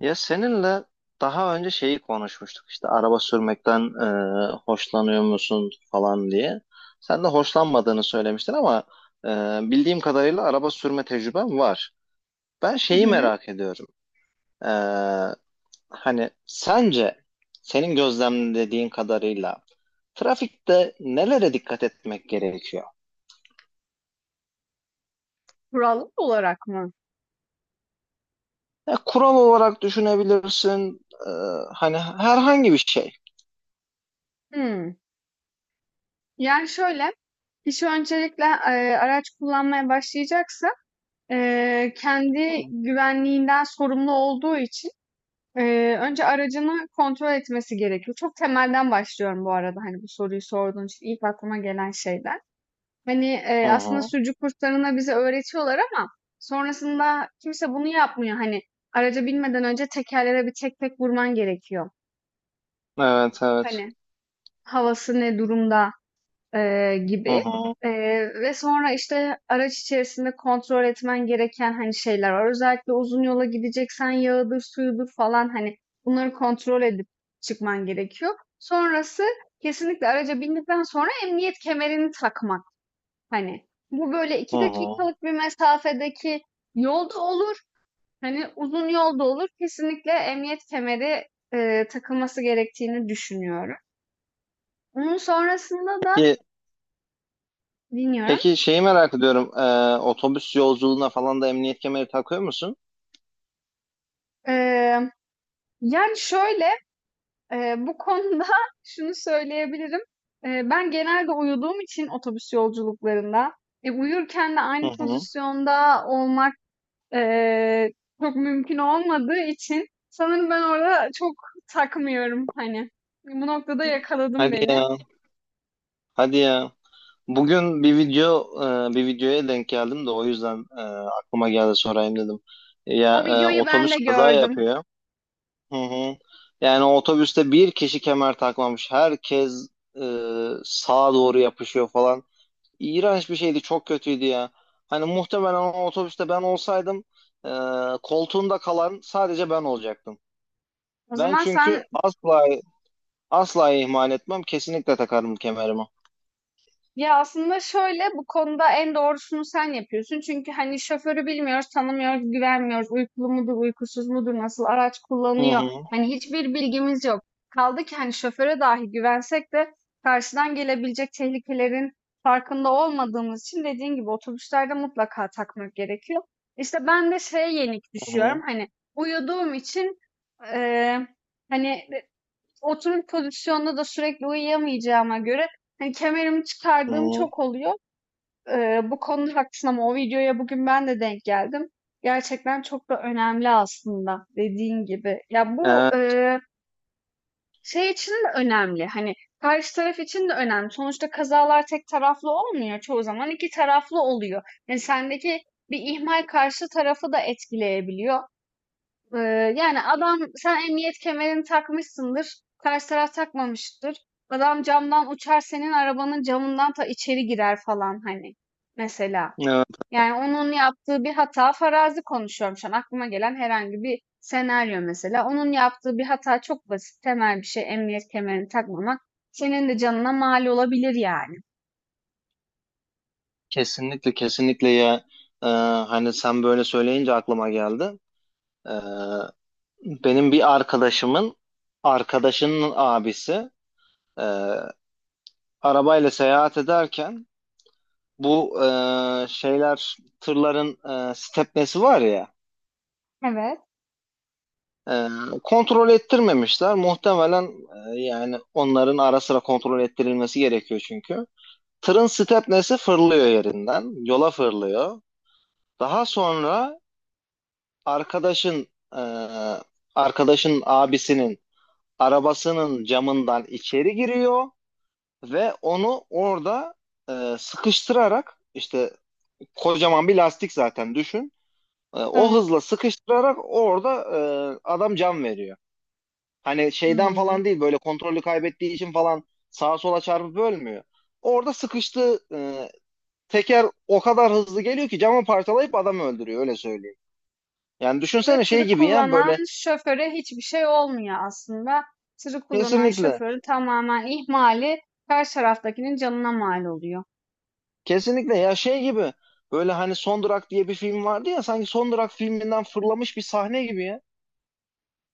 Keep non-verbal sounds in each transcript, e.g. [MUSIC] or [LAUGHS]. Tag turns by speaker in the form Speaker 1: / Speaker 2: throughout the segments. Speaker 1: Ya seninle daha önce şeyi konuşmuştuk işte araba sürmekten hoşlanıyor musun falan diye. Sen de hoşlanmadığını söylemiştin ama e, bildiğim kadarıyla araba sürme tecrüben var. Ben
Speaker 2: Hı
Speaker 1: şeyi
Speaker 2: hı.
Speaker 1: merak ediyorum. E, Hani sence senin gözlemlediğin kadarıyla trafikte nelere dikkat etmek gerekiyor?
Speaker 2: Kurallar olarak mı?
Speaker 1: Ya, kural olarak düşünebilirsin, e, hani herhangi bir şey.
Speaker 2: Hımm. Yani şöyle, kişi öncelikle, araç kullanmaya başlayacaksa, kendi güvenliğinden sorumlu olduğu için, önce aracını kontrol etmesi gerekiyor. Çok temelden başlıyorum bu arada, hani, bu soruyu sorduğun için ilk aklıma gelen şeyler. Hani,
Speaker 1: Hı
Speaker 2: aslında
Speaker 1: hı.
Speaker 2: sürücü kurslarında bize öğretiyorlar ama sonrasında kimse bunu yapmıyor. Hani, araca binmeden önce tekerlere bir tek tek vurman gerekiyor.
Speaker 1: Evet, evet.
Speaker 2: Hani, havası ne durumda?
Speaker 1: Hı
Speaker 2: Gibi.
Speaker 1: hı.
Speaker 2: Ve sonra işte araç içerisinde kontrol etmen gereken hani şeyler var. Özellikle uzun yola gideceksen yağıdır, suyudur falan hani bunları kontrol edip çıkman gerekiyor. Sonrası kesinlikle araca bindikten sonra emniyet kemerini takmak. Hani bu böyle
Speaker 1: Hı
Speaker 2: iki
Speaker 1: hı.
Speaker 2: dakikalık bir mesafedeki yolda olur. Hani uzun yolda olur. Kesinlikle emniyet kemeri takılması gerektiğini düşünüyorum. Onun sonrasında da
Speaker 1: Peki.
Speaker 2: dinliyorum.
Speaker 1: Peki, şeyi merak ediyorum. Otobüs yolculuğuna falan da emniyet kemeri takıyor musun?
Speaker 2: Ee, Yani şöyle, bu konuda [LAUGHS] şunu söyleyebilirim. Ben genelde uyuduğum için otobüs yolculuklarında, uyurken de
Speaker 1: Hı
Speaker 2: aynı
Speaker 1: hı.
Speaker 2: pozisyonda olmak, eee, çok mümkün olmadığı için sanırım ben orada çok takmıyorum, hani. Bu noktada yakaladın
Speaker 1: Hadi
Speaker 2: beni.
Speaker 1: ya. Hadi ya. Bugün bir video, bir videoya denk geldim de o yüzden aklıma geldi, sorayım dedim. Ya,
Speaker 2: O videoyu ben
Speaker 1: otobüs
Speaker 2: de
Speaker 1: kaza
Speaker 2: gördüm.
Speaker 1: yapıyor. Hı hı. Yani otobüste bir kişi kemer takmamış. Herkes e, sağa doğru yapışıyor falan. İğrenç bir şeydi, çok kötüydü ya. Hani muhtemelen o otobüste ben olsaydım, e, koltuğunda kalan sadece ben olacaktım.
Speaker 2: O
Speaker 1: Ben
Speaker 2: zaman
Speaker 1: çünkü
Speaker 2: sen.
Speaker 1: asla asla ihmal etmem. Kesinlikle takarım kemerimi.
Speaker 2: Ya aslında şöyle bu konuda en doğrusunu sen yapıyorsun. Çünkü hani şoförü bilmiyoruz, tanımıyoruz, güvenmiyoruz. Uykulu mudur, uykusuz mudur, nasıl araç
Speaker 1: Hı
Speaker 2: kullanıyor?
Speaker 1: hı,
Speaker 2: Hani hiçbir bilgimiz yok. Kaldı ki hani şoföre dahi güvensek de karşıdan gelebilecek tehlikelerin farkında olmadığımız için dediğin gibi otobüslerde mutlaka takmak gerekiyor. İşte ben de şeye yenik
Speaker 1: hı
Speaker 2: düşüyorum.
Speaker 1: hı.
Speaker 2: Hani uyuduğum için eee, hani oturum pozisyonunda da sürekli uyuyamayacağıma göre hani kemerimi
Speaker 1: Hı
Speaker 2: çıkardığım
Speaker 1: hı.
Speaker 2: çok oluyor. Bu konuda haklısın ama o videoya bugün ben de denk geldim. Gerçekten çok da önemli aslında dediğin gibi. Ya bu
Speaker 1: Evet,
Speaker 2: şey için de önemli. Hani karşı taraf için de önemli. Sonuçta kazalar tek taraflı olmuyor. Çoğu zaman iki taraflı oluyor. Yani sendeki bir ihmal karşı tarafı da etkileyebiliyor. Ee, Yani adam sen emniyet kemerini takmışsındır. Karşı taraf takmamıştır. Adam camdan uçar senin arabanın camından ta içeri girer falan hani mesela.
Speaker 1: evet,
Speaker 2: Yani onun yaptığı bir hata, farazi konuşuyorum şu an. Aklıma gelen herhangi bir senaryo mesela. Onun yaptığı bir hata çok basit, temel bir şey, emniyet kemerini takmamak. Senin de canına mal olabilir yani.
Speaker 1: kesinlikle, kesinlikle ya. Ee, Hani sen böyle söyleyince aklıma geldi. Ee, Benim bir arkadaşımın arkadaşının abisi e, arabayla seyahat ederken bu, şeyler, tırların stepnesi var ya.
Speaker 2: Evet,
Speaker 1: Ee, Kontrol ettirmemişler. Muhtemelen, yani onların ara sıra kontrol ettirilmesi gerekiyor çünkü. Tırın stepnesi fırlıyor yerinden. Yola fırlıyor. Daha sonra arkadaşın, e, arkadaşın abisinin arabasının camından içeri giriyor ve onu orada sıkıştırarak, işte kocaman bir lastik zaten, düşün. O
Speaker 2: evet.
Speaker 1: hızla sıkıştırarak orada adam can veriyor. Hani şeyden
Speaker 2: Hmm.
Speaker 1: falan değil, böyle kontrolü kaybettiği için falan sağa sola çarpıp ölmüyor. Orada sıkıştı, teker o kadar hızlı geliyor ki camı parçalayıp adamı öldürüyor, öyle söyleyeyim. Yani
Speaker 2: Ve
Speaker 1: düşünsene, şey
Speaker 2: tırı
Speaker 1: gibi ya,
Speaker 2: kullanan
Speaker 1: böyle
Speaker 2: şoföre hiçbir şey olmuyor aslında. Tırı kullanan
Speaker 1: kesinlikle,
Speaker 2: şoförün tamamen ihmali karşı taraftakinin canına mal oluyor.
Speaker 1: kesinlikle ya, şey gibi böyle. Hani Son Durak diye bir film vardı ya, sanki Son Durak filminden fırlamış bir sahne gibi ya.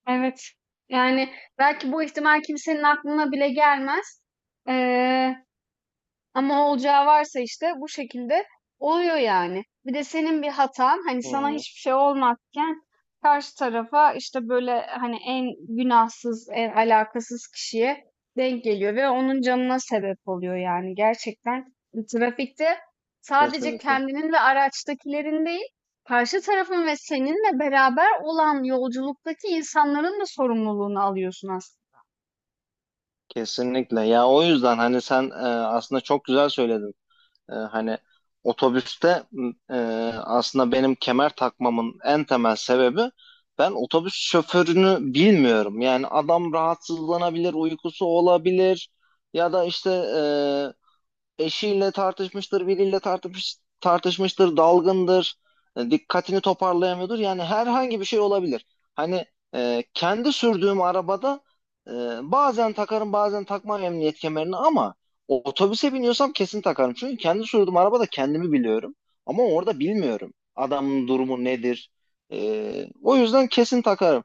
Speaker 2: Evet. Yani belki bu ihtimal kimsenin aklına bile gelmez. Ee, Ama olacağı varsa işte bu şekilde oluyor yani. Bir de senin bir hatan hani
Speaker 1: Hı
Speaker 2: sana
Speaker 1: hı.
Speaker 2: hiçbir şey olmazken karşı tarafa işte böyle hani en günahsız, en alakasız kişiye denk geliyor ve onun canına sebep oluyor yani. Gerçekten trafikte sadece
Speaker 1: Kesinlikle,
Speaker 2: kendinin ve araçtakilerin değil, karşı tarafın ve seninle beraber olan yolculuktaki insanların da sorumluluğunu alıyorsun aslında.
Speaker 1: kesinlikle ya, o yüzden hani sen aslında çok güzel söyledin. Hani otobüste, e, aslında benim kemer takmamın en temel sebebi, ben otobüs şoförünü bilmiyorum. Yani adam rahatsızlanabilir, uykusu olabilir ya da işte e, eşiyle tartışmıştır, dalgındır, dikkatini toparlayamıyordur. Yani herhangi bir şey olabilir. Hani kendi sürdüğüm arabada e, bazen takarım, bazen takmam emniyet kemerini, ama otobüse biniyorsam kesin takarım. Çünkü kendi sürdüğüm arabada kendimi biliyorum, ama orada bilmiyorum adamın durumu nedir. O yüzden kesin takarım.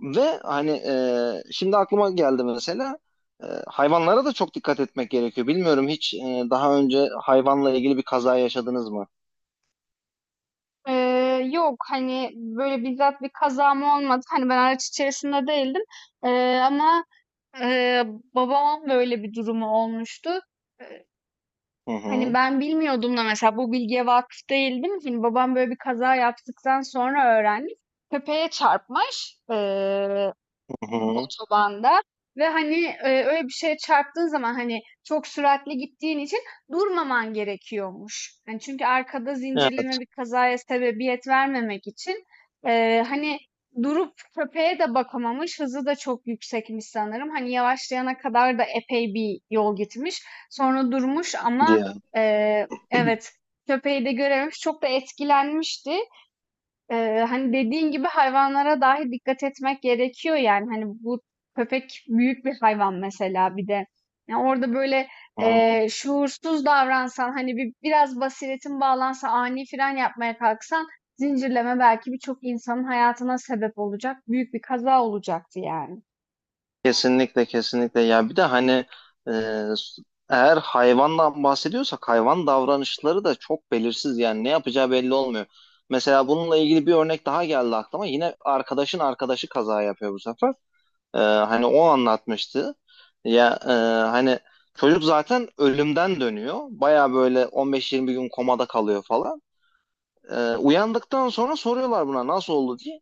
Speaker 1: Ve hani, şimdi aklıma geldi mesela, hayvanlara da çok dikkat etmek gerekiyor. Bilmiyorum, hiç daha önce hayvanla ilgili bir kaza yaşadınız mı?
Speaker 2: Yok, hani, böyle, bizzat bir kazam olmadı. Hani, ben araç içerisinde değildim, ama, eee, babamın böyle bir durumu olmuştu. Eee,
Speaker 1: Hı
Speaker 2: Hani,
Speaker 1: hı,
Speaker 2: ben bilmiyordum da mesela, bu bilgiye vakıf değildim. Hani, babam böyle bir kaza yaptıktan sonra öğrendim. Köpeğe çarpmış.
Speaker 1: hı hı.
Speaker 2: Otobanda. Ve, hani, öyle bir şeye çarptığın zaman, hani, çok süratli gittiğin için durmaman gerekiyormuş. Hani, çünkü arkada
Speaker 1: Evet,
Speaker 2: zincirleme bir kazaya sebebiyet vermemek için, hani, durup köpeğe de bakamamış, hızı da çok yüksekmiş sanırım. Hani, yavaşlayana kadar da epey bir yol gitmiş. Sonra durmuş ama,
Speaker 1: diye.
Speaker 2: evet, köpeği de görememiş. Çok da etkilenmişti. Hani dediğin gibi hayvanlara dahi dikkat etmek gerekiyor yani, hani bu köpek büyük bir hayvan mesela. Bir de yani orada böyle
Speaker 1: Hı.
Speaker 2: şuursuz davransan, hani bir biraz basiretin bağlansa, ani fren yapmaya kalksan, zincirleme belki birçok insanın hayatına sebep olacak büyük bir kaza olacaktı yani.
Speaker 1: Kesinlikle, kesinlikle. Ya bir de hani e, eğer hayvandan bahsediyorsak, hayvan davranışları da çok belirsiz. Yani ne yapacağı belli olmuyor. Mesela bununla ilgili bir örnek daha geldi aklıma. Yine arkadaşın arkadaşı kaza yapıyor bu sefer. Hani o anlatmıştı. Ya, hani çocuk zaten ölümden dönüyor. Baya böyle 15-20 gün komada kalıyor falan. Uyandıktan sonra soruyorlar buna, nasıl oldu diye.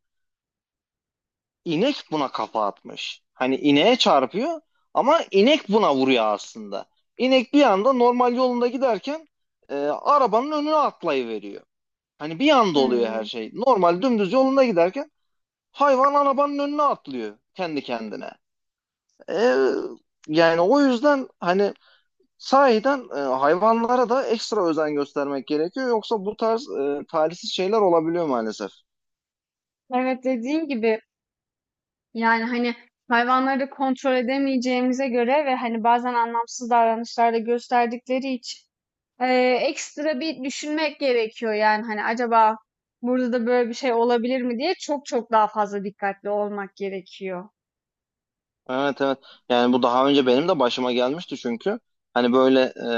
Speaker 1: İnek buna kafa atmış. Hani ineğe çarpıyor ama inek buna vuruyor aslında. İnek bir anda normal yolunda giderken arabanın önüne atlayıveriyor. Hani bir anda oluyor her
Speaker 2: Hmm.
Speaker 1: şey. Normal dümdüz yolunda giderken hayvan arabanın önüne atlıyor kendi kendine. E, Yani o yüzden hani sahiden hayvanlara da ekstra özen göstermek gerekiyor. Yoksa bu tarz talihsiz şeyler olabiliyor maalesef.
Speaker 2: Evet, dediğin gibi. Yani, hani, hayvanları da kontrol edemeyeceğimize göre ve, hani, bazen anlamsız davranışlarda gösterdikleri için, ekstra bir düşünmek gerekiyor. Yani, hani, acaba burada da böyle bir şey olabilir mi diye çok çok daha fazla dikkatli olmak gerekiyor.
Speaker 1: Evet, evet. Yani bu daha önce benim de başıma gelmişti çünkü. Hani böyle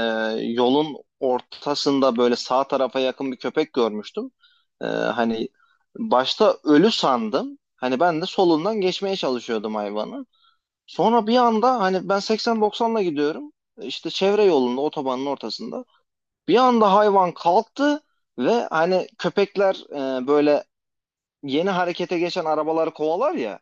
Speaker 1: yolun ortasında, böyle sağ tarafa yakın bir köpek görmüştüm. Hani başta ölü sandım. Hani ben de solundan geçmeye çalışıyordum hayvanı. Sonra bir anda, hani ben 80-90'la gidiyorum. İşte çevre yolunda, otobanın ortasında. Bir anda hayvan kalktı ve hani köpekler böyle yeni harekete geçen arabaları kovalar ya.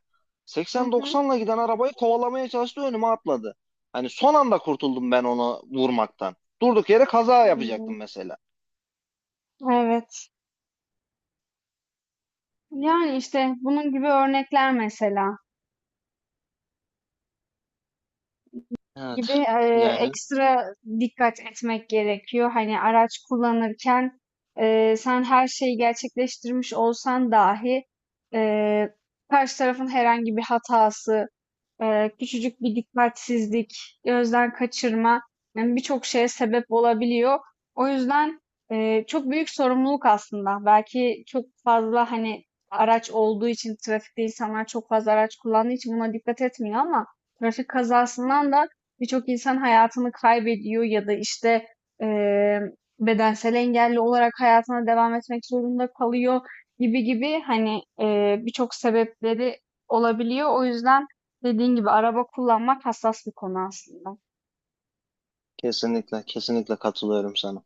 Speaker 2: Hı hı.
Speaker 1: 80-90'la giden arabayı kovalamaya çalıştı, önüme atladı. Hani son anda kurtuldum ben onu vurmaktan. Durduk yere kaza yapacaktım
Speaker 2: Hımm.
Speaker 1: mesela.
Speaker 2: Evet. Yani, işte, bunun gibi örnekler mesela. Dediğim gibi,
Speaker 1: Evet. Yani
Speaker 2: ekstra dikkat etmek gerekiyor. Hani araç kullanırken, sen her şeyi gerçekleştirmiş olsan dahi, eee, karşı tarafın herhangi bir hatası, küçücük bir dikkatsizlik, gözden kaçırma, yani birçok şeye sebep olabiliyor. O yüzden çok büyük sorumluluk aslında. Belki çok fazla hani araç olduğu için, trafikte insanlar çok fazla araç kullandığı için buna dikkat etmiyor ama trafik kazasından da birçok insan hayatını kaybediyor ya da işte eee, bedensel engelli olarak hayatına devam etmek zorunda kalıyor gibi gibi, hani birçok sebepleri olabiliyor. O yüzden dediğin gibi, araba kullanmak hassas bir konu aslında.
Speaker 1: kesinlikle, kesinlikle katılıyorum sana.